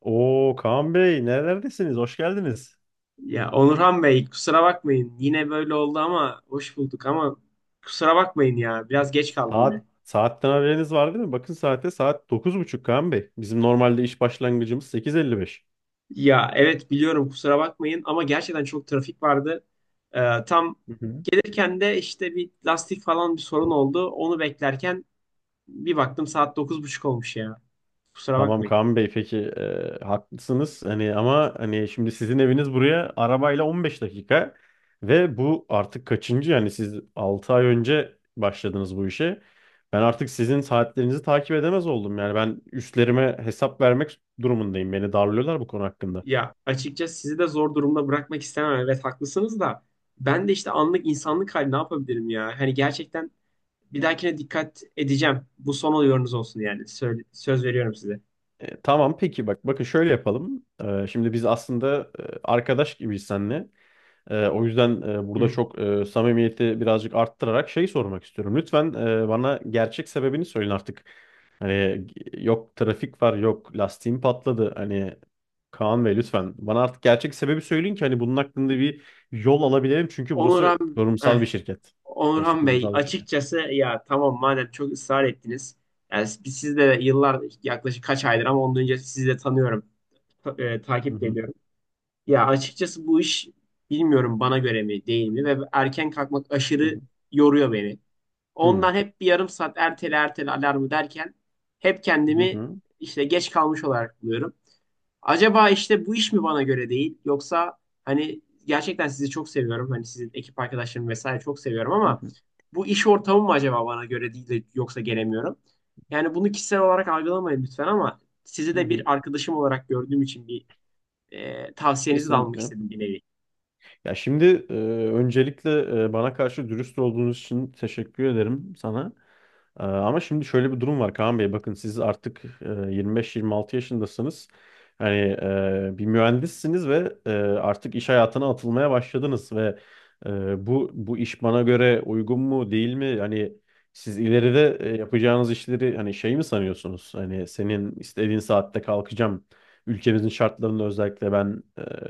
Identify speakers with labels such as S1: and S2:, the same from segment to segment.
S1: Oo Kaan Bey nerelerdesiniz? Hoş geldiniz.
S2: Ya Onurhan Bey kusura bakmayın. Yine böyle oldu ama hoş bulduk ama kusura bakmayın ya. Biraz geç kaldım yine.
S1: Saat saatten haberiniz var değil mi? Bakın saate saat 9:30 Kaan Bey. Bizim normalde iş başlangıcımız 8:55.
S2: Ya evet biliyorum kusura bakmayın ama gerçekten çok trafik vardı. Tam
S1: Hı hı.
S2: gelirken de işte bir lastik falan bir sorun oldu. Onu beklerken bir baktım saat 9:30 olmuş ya. Kusura
S1: Tamam
S2: bakmayın.
S1: Kaan Bey peki, haklısınız. Hani ama hani şimdi sizin eviniz buraya arabayla 15 dakika ve bu artık kaçıncı? Yani siz 6 ay önce başladınız bu işe. Ben artık sizin saatlerinizi takip edemez oldum. Yani ben üstlerime hesap vermek durumundayım. Beni darlıyorlar bu konu hakkında.
S2: Ya açıkçası sizi de zor durumda bırakmak istemem. Evet haklısınız da ben de işte anlık insanlık hali ne yapabilirim ya? Hani gerçekten bir dahakine dikkat edeceğim. Bu son oluyorunuz olsun yani. Söz veriyorum size.
S1: Tamam peki bakın şöyle yapalım. Şimdi biz aslında arkadaş gibiyiz seninle. O yüzden
S2: Hı
S1: burada
S2: hı.
S1: çok samimiyeti birazcık arttırarak şey sormak istiyorum. Lütfen bana gerçek sebebini söyleyin artık. Hani yok trafik var, yok lastiğim patladı. Hani Kaan Bey lütfen bana artık gerçek sebebi söyleyin ki hani bunun hakkında bir yol alabilelim. Çünkü burası
S2: Onurhan, eh,
S1: kurumsal bir şirket. Burası
S2: Onurhan Bey
S1: kurumsal bir şirket.
S2: açıkçası ya tamam madem çok ısrar ettiniz. Yani biz sizde yıllar yaklaşık kaç aydır ama ondan önce sizi de tanıyorum.
S1: Hı
S2: Takip de
S1: hı
S2: ediyorum. Ya açıkçası bu iş bilmiyorum bana göre mi değil mi ve erken kalkmak
S1: hı
S2: aşırı yoruyor beni.
S1: hı
S2: Ondan hep bir yarım saat ertele ertele alarmı derken hep
S1: hı hı
S2: kendimi
S1: hı
S2: işte geç kalmış olarak buluyorum. Acaba işte bu iş mi bana göre değil yoksa hani gerçekten sizi çok seviyorum. Hani sizin ekip arkadaşlarımı vesaire çok seviyorum
S1: hı
S2: ama bu iş ortamı mı acaba bana göre değil de yoksa gelemiyorum. Yani bunu kişisel olarak algılamayın lütfen ama sizi
S1: hı.
S2: de
S1: Hı.
S2: bir arkadaşım olarak gördüğüm için bir tavsiyenizi de almak
S1: Kesinlikle.
S2: istedim bir nevi.
S1: Ya şimdi, e, öncelikle bana karşı dürüst olduğunuz için teşekkür ederim sana. Ama şimdi şöyle bir durum var Kaan Bey. Bakın siz artık 25-26 yaşındasınız. Hani bir mühendissiniz ve artık iş hayatına atılmaya başladınız ve bu iş bana göre uygun mu değil mi? Hani siz ileride yapacağınız işleri hani şey mi sanıyorsunuz? Hani senin istediğin saatte kalkacağım. Ülkemizin şartlarında özellikle ben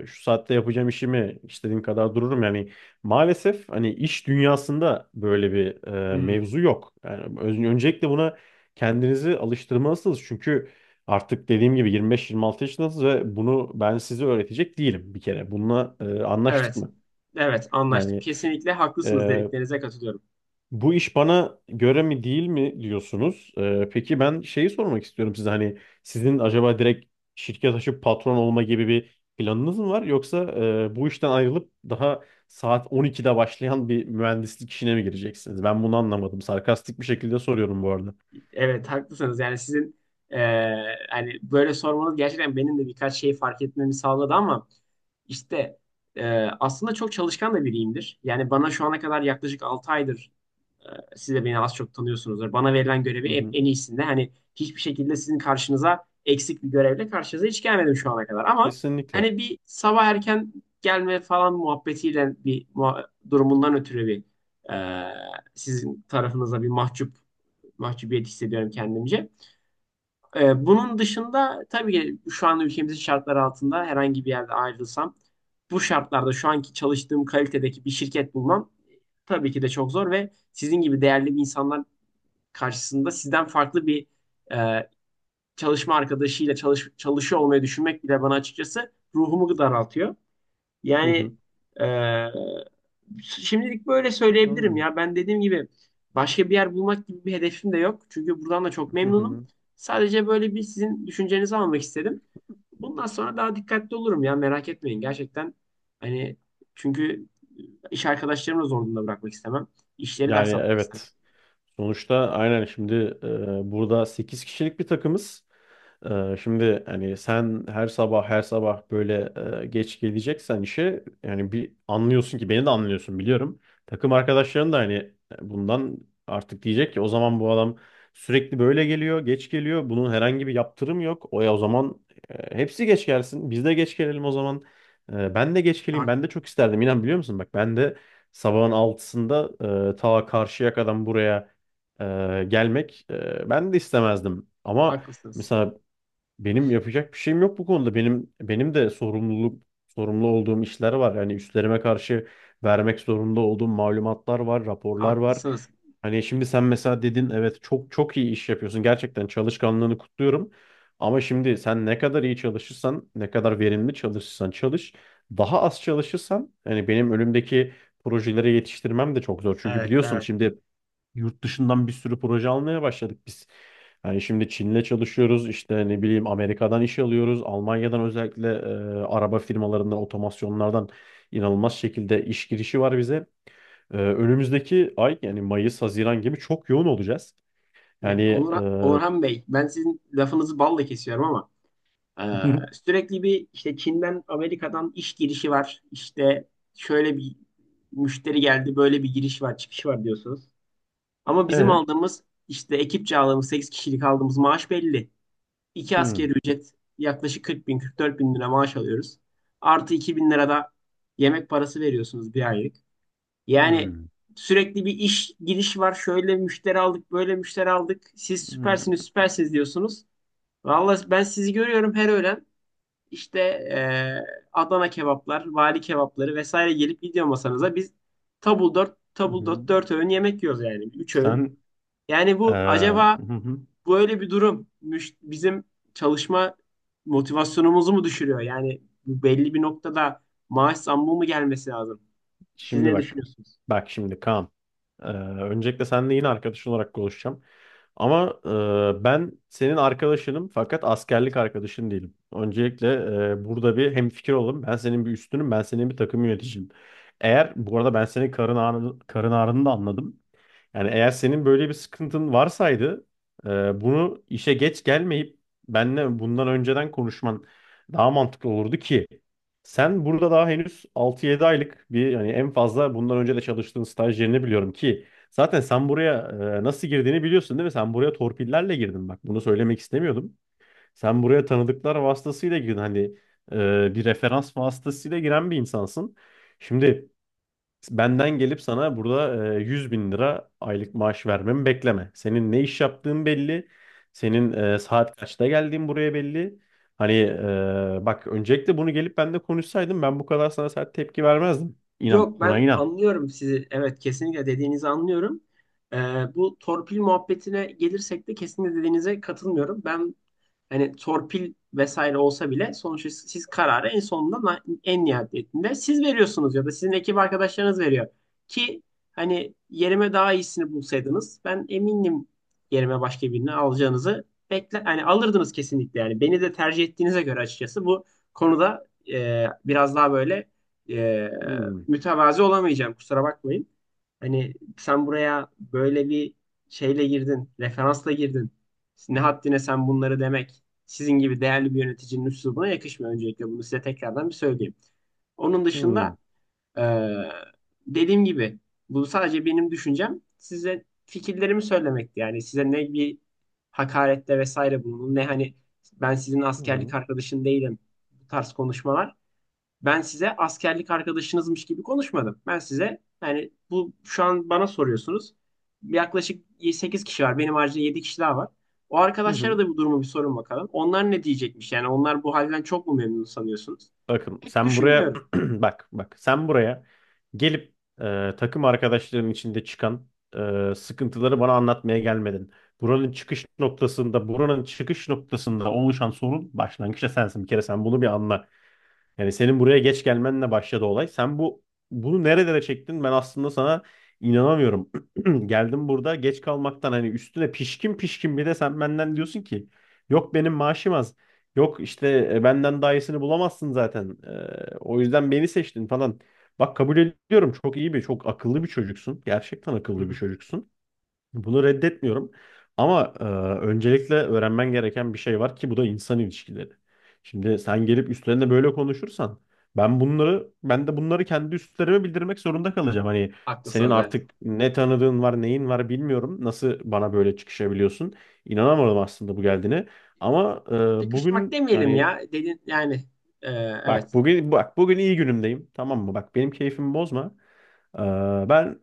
S1: şu saatte yapacağım işimi istediğim kadar dururum. Yani maalesef hani iş dünyasında böyle bir
S2: Hmm.
S1: mevzu yok. Yani öncelikle buna kendinizi alıştırmalısınız. Çünkü artık dediğim gibi 25-26 yaşındasınız ve bunu ben size öğretecek değilim bir kere. Bununla anlaştık
S2: Evet.
S1: mı?
S2: Evet anlaştım.
S1: Yani
S2: Kesinlikle haklısınız, dediklerinize katılıyorum.
S1: bu iş bana göre mi değil mi diyorsunuz? Peki ben şeyi sormak istiyorum size, hani sizin acaba direkt şirket açıp patron olma gibi bir planınız mı var? Yoksa bu işten ayrılıp daha saat 12'de başlayan bir mühendislik işine mi gireceksiniz? Ben bunu anlamadım. Sarkastik bir şekilde soruyorum bu.
S2: Evet haklısınız. Yani sizin hani böyle sormanız gerçekten benim de birkaç şey fark etmemi sağladı ama işte aslında çok çalışkan da biriyimdir. Yani bana şu ana kadar yaklaşık 6 aydır eee, siz de beni az çok tanıyorsunuzdur. Bana verilen
S1: Hı
S2: görevi hep
S1: hı.
S2: en iyisinde. Hani hiçbir şekilde sizin karşınıza eksik bir görevle karşınıza hiç gelmedim şu ana kadar. Ama
S1: Kesinlikle.
S2: hani bir sabah erken gelme falan muhabbetiyle bir durumundan ötürü bir eee, sizin tarafınıza bir mahcubiyet hissediyorum kendimce. Bunun dışında tabii ki şu an ülkemizin şartları altında herhangi bir yerde ayrılsam bu şartlarda şu anki çalıştığım kalitedeki bir şirket bulmam tabii ki de çok zor ve sizin gibi değerli bir insanlar karşısında sizden farklı bir e, çalışma arkadaşıyla çalışıyor olmayı düşünmek bile bana açıkçası ruhumu daraltıyor.
S1: Hı
S2: Yani
S1: hı.
S2: e, şimdilik böyle söyleyebilirim
S1: Anladım.
S2: ya. Ben dediğim gibi başka bir yer bulmak gibi bir hedefim de yok. Çünkü buradan da çok
S1: Hı
S2: memnunum.
S1: hı.
S2: Sadece böyle bir sizin düşüncenizi almak istedim. Bundan sonra daha dikkatli olurum ya, merak etmeyin. Gerçekten hani çünkü iş arkadaşlarımı da zor durumda bırakmak istemem. İşleri de
S1: Yani
S2: aksatmak istemem.
S1: evet. Sonuçta aynen şimdi burada 8 kişilik bir takımız. Şimdi hani sen her sabah her sabah böyle geç geleceksen işe, yani bir anlıyorsun ki beni de anlıyorsun biliyorum. Takım arkadaşların da hani bundan artık diyecek ki o zaman bu adam sürekli böyle geliyor, geç geliyor. Bunun herhangi bir yaptırım yok. O ya, o zaman hepsi geç gelsin. Biz de geç gelelim o zaman. Ben de geç geleyim.
S2: Hak-
S1: Ben de çok isterdim. İnan, biliyor musun? Bak ben de sabahın altısında ta karşıya kadar buraya e, gelmek, ben de istemezdim. Ama
S2: Haklısınız.
S1: mesela benim yapacak bir şeyim yok bu konuda. Benim de sorumlu olduğum işler var. Yani üstlerime karşı vermek zorunda olduğum malumatlar var, raporlar var.
S2: Haklısınız.
S1: Hani şimdi sen mesela dedin, evet çok çok iyi iş yapıyorsun. Gerçekten çalışkanlığını kutluyorum. Ama şimdi sen ne kadar iyi çalışırsan, ne kadar verimli çalışırsan çalış, daha az çalışırsan yani benim önümdeki projeleri yetiştirmem de çok zor. Çünkü
S2: Evet,
S1: biliyorsun
S2: evet.
S1: şimdi yurt dışından bir sürü proje almaya başladık biz. Yani şimdi Çin'le çalışıyoruz, işte ne bileyim Amerika'dan iş alıyoruz, Almanya'dan özellikle araba firmalarından, otomasyonlardan inanılmaz şekilde iş girişi var bize. Önümüzdeki ay yani Mayıs, Haziran gibi çok yoğun olacağız. Yani
S2: Ya,
S1: e,
S2: Onurhan Bey ben sizin lafınızı balla kesiyorum ama Ee, sürekli bir işte Çin'den Amerika'dan iş girişi var. İşte şöyle bir müşteri geldi, böyle bir giriş var, çıkış var diyorsunuz. Ama bizim
S1: e,
S2: aldığımız işte ekipçe aldığımız 8 kişilik aldığımız maaş belli. İki
S1: hmm,
S2: asgari ücret yaklaşık 40 bin, 44 bin lira maaş alıyoruz. Artı 2 bin lira da yemek parası veriyorsunuz bir aylık. Yani
S1: hmm,
S2: sürekli bir iş giriş var. Şöyle müşteri aldık, böyle müşteri aldık. Siz
S1: hmm,
S2: süpersiniz, süpersiniz diyorsunuz. Vallahi ben sizi görüyorum her öğlen. İşte Adana kebaplar, vali kebapları vesaire gelip gidiyor masanıza. Biz tabul 4 tabul 4
S1: hmm.
S2: 4 öğün yemek yiyoruz yani. Üç
S1: Sen
S2: öğün. Yani
S1: e,
S2: bu acaba böyle bir durum bizim çalışma motivasyonumuzu mu düşürüyor? Yani bu belli bir noktada maaş zammı mı gelmesi lazım? Siz
S1: şimdi
S2: ne
S1: bak.
S2: düşünüyorsunuz?
S1: Bak şimdi Kaan. Ee, Öncelikle seninle yine arkadaşın olarak konuşacağım. Ama ben senin arkadaşınım fakat askerlik arkadaşın değilim. Öncelikle burada bir hemfikir olalım. Ben senin bir üstünüm, ben senin bir takım yöneticim. Eğer bu arada ben senin karın ağrını da anladım. Yani eğer senin böyle bir sıkıntın varsaydı bunu işe geç gelmeyip benle bundan önceden konuşman daha mantıklı olurdu ki sen burada daha henüz 6-7 aylık bir, yani en fazla bundan önce de çalıştığın staj yerini biliyorum ki zaten sen buraya nasıl girdiğini biliyorsun değil mi? Sen buraya torpillerle girdin, bak bunu söylemek istemiyordum. Sen buraya tanıdıklar vasıtasıyla girdin, hani bir referans vasıtasıyla giren bir insansın. Şimdi benden gelip sana burada 100 bin lira aylık maaş vermemi bekleme. Senin ne iş yaptığın belli. Senin saat kaçta geldiğin buraya belli. Hani bak öncelikle bunu gelip bende konuşsaydın ben bu kadar sana sert tepki vermezdim. İnan,
S2: Yok,
S1: buna
S2: ben
S1: inan.
S2: anlıyorum sizi. Evet kesinlikle dediğinizi anlıyorum. Ee, Bu torpil muhabbetine gelirsek de kesinlikle dediğinize katılmıyorum. Ben hani torpil vesaire olsa bile sonuçta siz kararı en sonunda en nihayetinde siz veriyorsunuz ya da sizin ekip arkadaşlarınız veriyor. Ki hani yerime daha iyisini bulsaydınız ben eminim yerime başka birini alacağınızı bekle hani alırdınız kesinlikle, yani beni de tercih ettiğinize göre açıkçası bu konuda biraz daha böyle e,
S1: Hmm.
S2: mütevazi olamayacağım, kusura bakmayın. Hani sen buraya böyle bir şeyle girdin, referansla girdin. Ne haddine sen bunları demek sizin gibi değerli bir yöneticinin üslubuna yakışmıyor. Öncelikle bunu size tekrardan bir söyleyeyim. Onun
S1: Hmm.
S2: dışında eee, dediğim gibi bu sadece benim düşüncem. Size fikirlerimi söylemekti. Yani size ne bir hakarette vesaire bulundum ne hani ben sizin
S1: Hı
S2: askerlik
S1: hı.
S2: arkadaşın değilim bu tarz konuşmalar. Ben size askerlik arkadaşınızmış gibi konuşmadım. Ben size yani bu şu an bana soruyorsunuz. Yaklaşık 8 kişi var. Benim haricinde 7 kişi daha var. O
S1: Hı
S2: arkadaşlara
S1: hı.
S2: da bu durumu bir sorun bakalım. Onlar ne diyecekmiş? Yani onlar bu halden çok mu memnun sanıyorsunuz?
S1: Bakın
S2: Pek
S1: sen buraya
S2: düşünmüyorum.
S1: bak sen buraya gelip takım arkadaşlarının içinde çıkan sıkıntıları bana anlatmaya gelmedin. Buranın çıkış noktasında oluşan sorun başlangıçta sensin. Bir kere sen bunu bir anla. Yani senin buraya geç gelmenle başladı olay. Sen bunu nerelere çektin? Ben aslında sana inanamıyorum. Geldim burada geç kalmaktan, hani üstüne pişkin pişkin bir de sen benden diyorsun ki yok benim maaşım az. Yok işte benden daha iyisini bulamazsın zaten. O yüzden beni seçtin falan. Bak kabul ediyorum, çok iyi bir, çok akıllı bir çocuksun. Gerçekten
S2: Hı
S1: akıllı bir
S2: hı.
S1: çocuksun. Bunu reddetmiyorum. Ama öncelikle öğrenmen gereken bir şey var ki bu da insan ilişkileri. Şimdi sen gelip üstlerine böyle konuşursan ben bunları, ben de bunları kendi üstlerime bildirmek zorunda kalacağım. Hani senin
S2: Haklısınız evet.
S1: artık ne tanıdığın var, neyin var bilmiyorum. Nasıl bana böyle çıkışabiliyorsun? İnanamadım aslında bu geldiğine. Ama
S2: Sıkışmak
S1: bugün
S2: demeyelim
S1: yani
S2: ya. Dedin yani e, evet
S1: bak bugün iyi günümdeyim. Tamam mı? Bak benim keyfimi bozma. E, Ben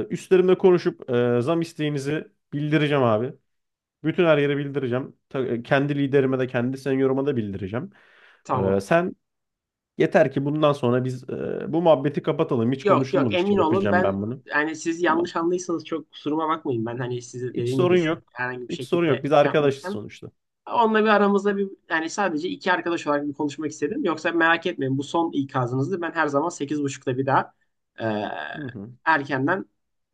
S1: üstlerimle konuşup zam isteğinizi bildireceğim abi. Bütün her yere bildireceğim. Kendi liderime de kendi senioruma da bildireceğim.
S2: tamam.
S1: Sen yeter ki bundan sonra biz bu muhabbeti kapatalım. Hiç
S2: Yok yok,
S1: konuşulmamış
S2: emin
S1: gibi
S2: olun
S1: yapacağım
S2: ben
S1: ben bunu.
S2: yani, siz
S1: Tamam.
S2: yanlış anlıysanız çok kusuruma bakmayın. Ben hani size
S1: Hiç
S2: dediğim
S1: sorun
S2: gibi sizi
S1: yok.
S2: herhangi bir
S1: Hiç sorun
S2: şekilde
S1: yok. Biz
S2: şey yapmak
S1: arkadaşız
S2: istemem.
S1: sonuçta.
S2: Onunla bir aramızda bir yani sadece iki arkadaş olarak bir konuşmak istedim. Yoksa merak etmeyin, bu son ikazınızdı. Ben her zaman 8:30'da bir daha e,
S1: Hı hı.
S2: erkenden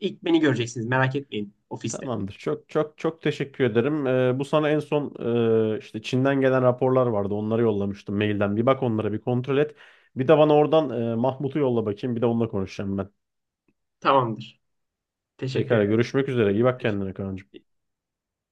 S2: ilk beni göreceksiniz. Merak etmeyin ofiste.
S1: Tamamdır. Çok çok çok teşekkür ederim. Bu sana en son işte Çin'den gelen raporlar vardı. Onları yollamıştım mailden. Bir bak onlara, bir kontrol et. Bir de bana oradan Mahmut'u yolla bakayım. Bir de onunla konuşacağım ben.
S2: Tamamdır. Teşekkür
S1: Pekala,
S2: ederim.
S1: görüşmek üzere. İyi bak
S2: Görüşürüz.
S1: kendine Kaan'cığım.